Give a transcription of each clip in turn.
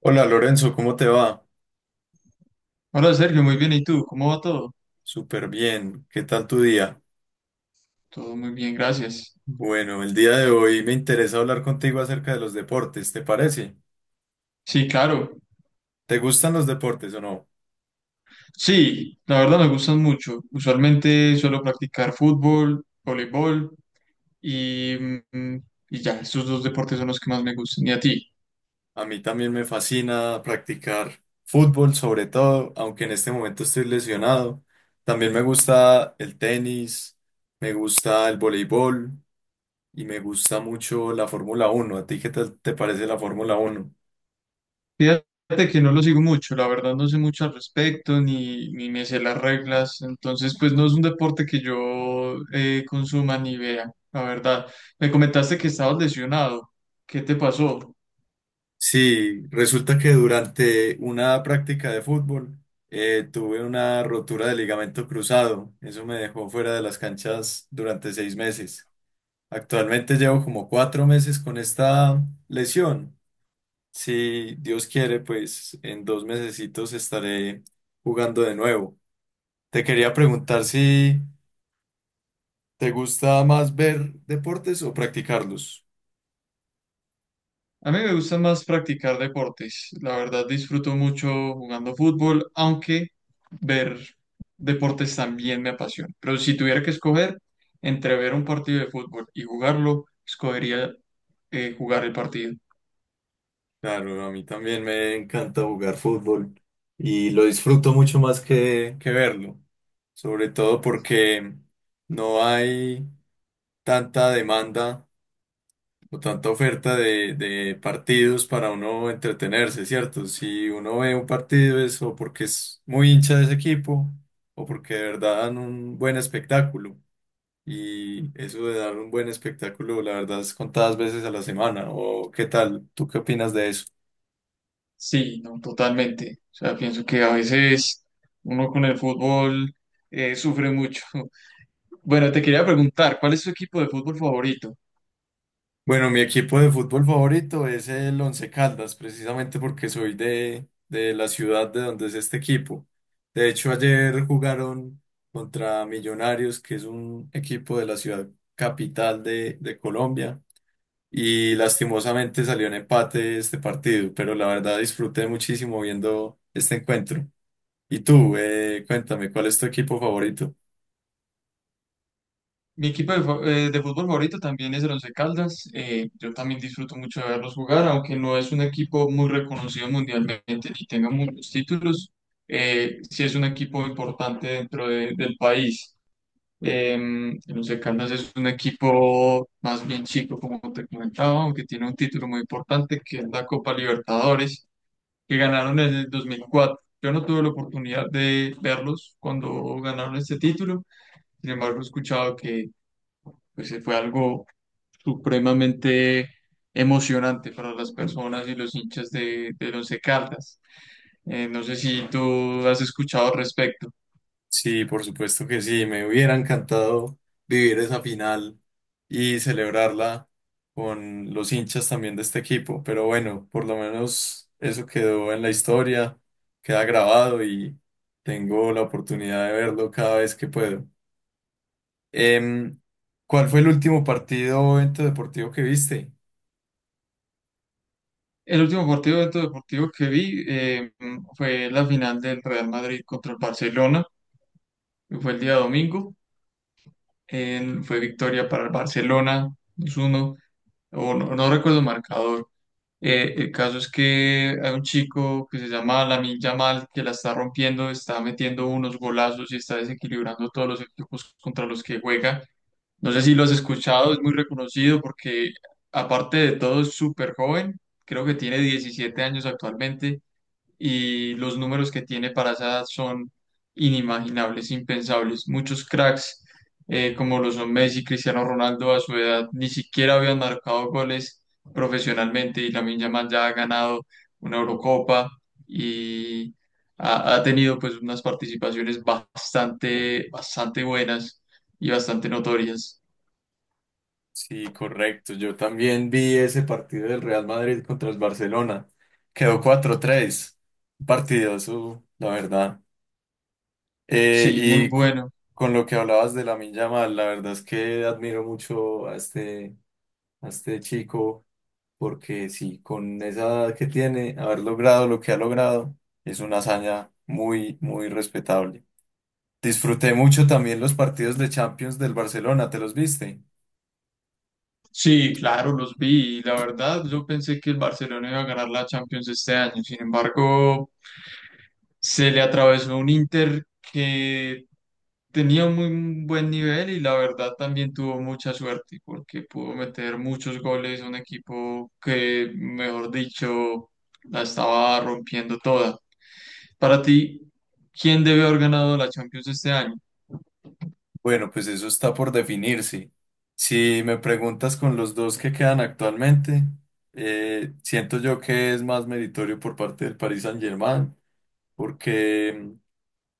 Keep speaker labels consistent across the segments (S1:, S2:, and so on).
S1: Hola Lorenzo, ¿cómo te va?
S2: Hola Sergio, muy bien. ¿Y tú? ¿Cómo va todo?
S1: Súper bien, ¿qué tal tu día?
S2: Todo muy bien, gracias.
S1: Bueno, el día de hoy me interesa hablar contigo acerca de los deportes, ¿te parece?
S2: Sí, claro.
S1: ¿Te gustan los deportes o no?
S2: Sí, la verdad me gustan mucho. Usualmente suelo practicar fútbol, voleibol y, mm, y ya, estos dos deportes son los que más me gustan. ¿Y a ti?
S1: A mí también me fascina practicar fútbol, sobre todo, aunque en este momento estoy lesionado. También me gusta el tenis, me gusta el voleibol y me gusta mucho la Fórmula Uno. ¿A ti qué tal te parece la Fórmula Uno?
S2: Fíjate que no lo sigo mucho, la verdad no sé mucho al respecto ni me sé las reglas, entonces pues no es un deporte que yo consuma ni vea, la verdad. Me comentaste que estabas lesionado. ¿Qué te pasó?
S1: Sí, resulta que durante una práctica de fútbol tuve una rotura de ligamento cruzado. Eso me dejó fuera de las canchas durante 6 meses. Actualmente llevo como 4 meses con esta lesión. Si Dios quiere, pues en dos mesecitos estaré jugando de nuevo. Te quería preguntar si te gusta más ver deportes o practicarlos.
S2: A mí me gusta más practicar deportes. La verdad disfruto mucho jugando fútbol, aunque ver deportes también me apasiona. Pero si tuviera que escoger entre ver un partido de fútbol y jugarlo, escogería jugar el partido.
S1: Claro, a mí también me encanta jugar fútbol y lo disfruto mucho más que verlo, sobre todo porque no hay tanta demanda o tanta oferta de partidos para uno entretenerse, ¿cierto? Si uno ve un partido es o porque es muy hincha de ese equipo o porque de verdad dan un buen espectáculo y eso de dar un buen espectáculo, la verdad es contadas veces a la semana. ¿O qué tal? ¿Tú qué opinas de eso?
S2: Sí, no, totalmente. O sea, pienso que a veces uno con el fútbol sufre mucho. Bueno, te quería preguntar, ¿cuál es tu equipo de fútbol favorito?
S1: Bueno, mi equipo de fútbol favorito es el Once Caldas, precisamente porque soy de la ciudad de donde es este equipo. De hecho, ayer jugaron contra Millonarios, que es un equipo de la ciudad capital de Colombia, y lastimosamente salió en empate este partido, pero la verdad disfruté muchísimo viendo este encuentro. Y tú, cuéntame, ¿cuál es tu equipo favorito?
S2: Mi equipo de fútbol favorito también es el Once Caldas. Yo también disfruto mucho de verlos jugar, aunque no es un equipo muy reconocido mundialmente ni tenga muchos títulos. Sí es un equipo importante del país. Eh, el Once Caldas es un equipo más bien chico, como te comentaba, aunque tiene un título muy importante que es la Copa Libertadores, que ganaron en el 2004. Yo no tuve la oportunidad de verlos cuando ganaron este título. Sin embargo, he escuchado que pues fue algo supremamente emocionante para las personas y los hinchas del Once Caldas. No sé si tú has escuchado al respecto.
S1: Sí, por supuesto que sí, me hubiera encantado vivir esa final y celebrarla con los hinchas también de este equipo, pero bueno, por lo menos eso quedó en la historia, queda grabado y tengo la oportunidad de verlo cada vez que puedo. Em, ¿Cuál fue el último partido o evento deportivo que viste?
S2: El último partido de evento deportivo que vi fue la final del Real Madrid contra el Barcelona. Fue el día domingo. Fue victoria para el Barcelona 2-1 o no, no recuerdo el marcador. El caso es que hay un chico que se llama Lamine Yamal que la está rompiendo, está metiendo unos golazos y está desequilibrando todos los equipos contra los que juega. No sé si lo has escuchado, es muy reconocido porque aparte de todo es súper joven, creo que tiene 17 años actualmente y los números que tiene para esa edad son inimaginables, impensables. Muchos cracks, como lo son Messi, Cristiano Ronaldo, a su edad ni siquiera habían marcado goles profesionalmente y Lamine Yamal ya ha ganado una Eurocopa y ha tenido pues unas participaciones bastante buenas y bastante notorias.
S1: Sí, correcto, yo también vi ese partido del Real Madrid contra el Barcelona, quedó 4-3. Un partidazo, la verdad. Eh,
S2: Sí, muy
S1: y co-
S2: bueno.
S1: con lo que hablabas de la Yamal, la verdad es que admiro mucho a a este chico, porque sí, con esa edad que tiene, haber logrado lo que ha logrado, es una hazaña muy, muy respetable. Disfruté mucho también los partidos de Champions del Barcelona, ¿te los viste?
S2: Sí, claro, los vi. Y la verdad, yo pensé que el Barcelona iba a ganar la Champions este año. Sin embargo, se le atravesó un Inter que tenía un muy buen nivel y la verdad también tuvo mucha suerte porque pudo meter muchos goles a un equipo que, mejor dicho, la estaba rompiendo toda. Para ti, ¿quién debe haber ganado la Champions este año?
S1: Bueno, pues eso está por definirse. Si me preguntas con los dos que quedan actualmente, siento yo que es más meritorio por parte del Paris Saint-Germain porque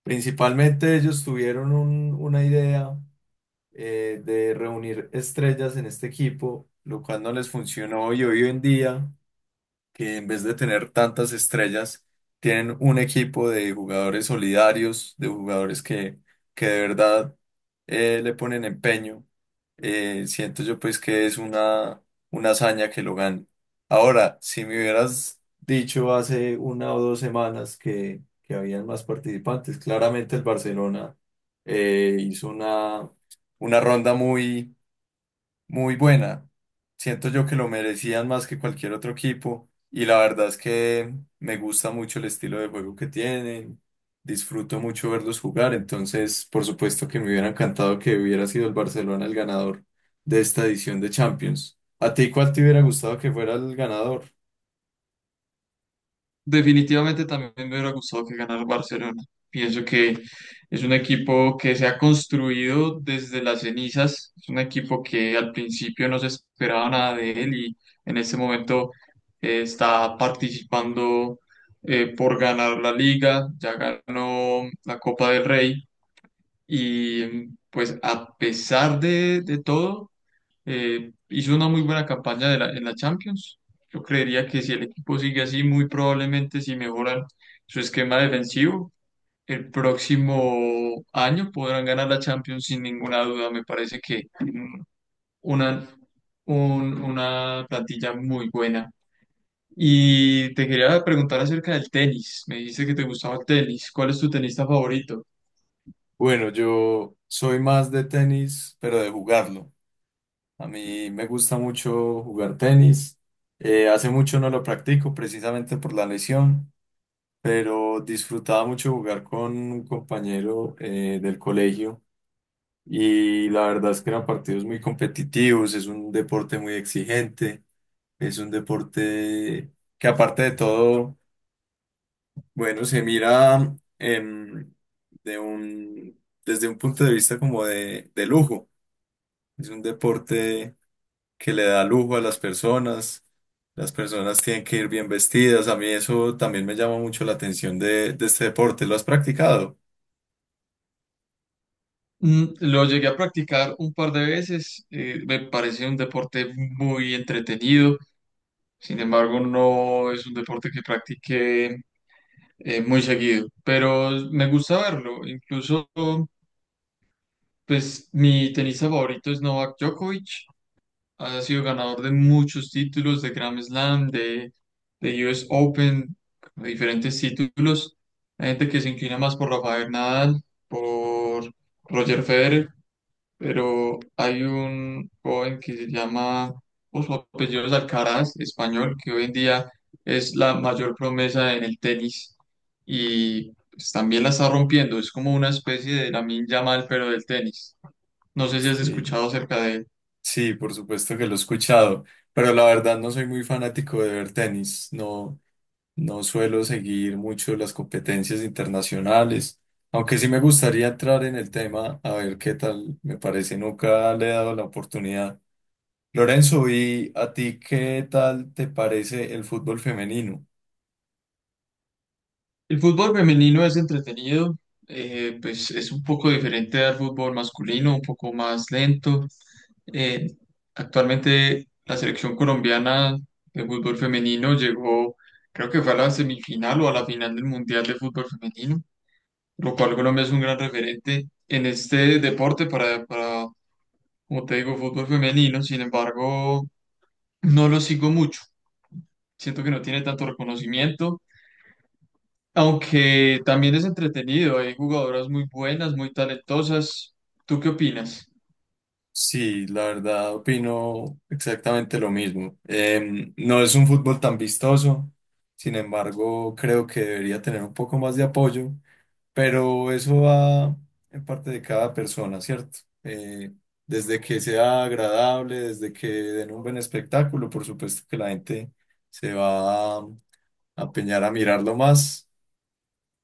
S1: principalmente ellos tuvieron una idea de reunir estrellas en este equipo, lo cual no les funcionó y hoy en día que en vez de tener tantas estrellas, tienen un equipo de jugadores solidarios, de jugadores que de verdad le ponen empeño. Siento yo pues que es una hazaña que lo gane. Ahora, si me hubieras dicho hace una o dos semanas que habían más participantes, claramente el Barcelona hizo una ronda muy muy buena. Siento yo que lo merecían más que cualquier otro equipo y la verdad es que me gusta mucho el estilo de juego que tienen. Disfruto mucho verlos jugar, entonces por supuesto que me hubiera encantado que hubiera sido el Barcelona el ganador de esta edición de Champions. ¿A ti cuál te hubiera gustado que fuera el ganador?
S2: Definitivamente también me hubiera gustado que ganara el Barcelona. Pienso que es un equipo que se ha construido desde las cenizas, es un equipo que al principio no se esperaba nada de él y en este momento está participando por ganar la liga, ya ganó la Copa del Rey y pues a pesar de todo hizo una muy buena campaña en la Champions. Yo creería que si el equipo sigue así, muy probablemente si mejoran su esquema defensivo, el próximo año podrán ganar la Champions sin ninguna duda. Me parece que una, una plantilla muy buena. Y te quería preguntar acerca del tenis. Me dijiste que te gustaba el tenis. ¿Cuál es tu tenista favorito?
S1: Bueno, yo soy más de tenis, pero de jugarlo. A mí me gusta mucho jugar tenis. Hace mucho no lo practico precisamente por la lesión, pero disfrutaba mucho jugar con un compañero del colegio y la verdad es que eran partidos muy competitivos, es un deporte muy exigente, es un deporte que aparte de todo, bueno, se mira desde un punto de vista como de lujo, es un deporte que le da lujo a las personas. Las personas tienen que ir bien vestidas. A mí eso también me llama mucho la atención de este deporte. ¿Lo has practicado?
S2: Lo llegué a practicar un par de veces. Me parece un deporte muy entretenido, sin embargo no es un deporte que practique muy seguido, pero me gusta verlo, incluso pues mi tenista favorito es Novak Djokovic, ha sido ganador de muchos títulos, de Grand Slam, de US Open, de diferentes títulos, hay gente que se inclina más por Rafael Nadal, por... Roger Federer, pero hay un joven que se llama, o su apellido es Alcaraz, español, que hoy en día es la mayor promesa en el tenis y pues, también la está rompiendo. Es como una especie de Lamine Yamal, pero del tenis. No sé si has
S1: Sí.
S2: escuchado acerca de él.
S1: Sí, por supuesto que lo he escuchado, pero la verdad no soy muy fanático de ver tenis, no, no suelo seguir mucho las competencias internacionales, aunque sí me gustaría entrar en el tema a ver qué tal me parece, nunca le he dado la oportunidad. Lorenzo, ¿y a ti qué tal te parece el fútbol femenino?
S2: El fútbol femenino es entretenido, pues es un poco diferente al fútbol masculino, un poco más lento. Eh, Actualmente la selección colombiana de fútbol femenino llegó, creo que fue a la semifinal o a la final del Mundial de Fútbol Femenino, lo cual Colombia es un gran referente en este deporte para, como te digo, fútbol femenino. Sin embargo, no lo sigo mucho. Siento que no tiene tanto reconocimiento. Aunque también es entretenido, hay jugadoras muy buenas, muy talentosas. ¿Tú qué opinas?
S1: Sí, la verdad opino exactamente lo mismo. No es un fútbol tan vistoso, sin embargo creo que debería tener un poco más de apoyo. Pero eso va en parte de cada persona, ¿cierto? Desde que sea agradable, desde que den un buen espectáculo, por supuesto que la gente se va a empeñar a mirarlo más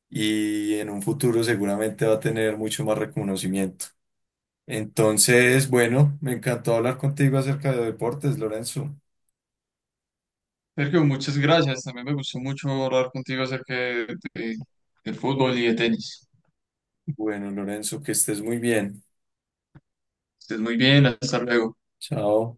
S1: y en un futuro seguramente va a tener mucho más reconocimiento. Entonces, bueno, me encantó hablar contigo acerca de deportes, Lorenzo.
S2: Sergio, muchas gracias. También me gustó mucho hablar contigo acerca de- del fútbol y de tenis.
S1: Bueno, Lorenzo, que estés muy bien.
S2: Estés muy bien, hasta luego.
S1: Chao.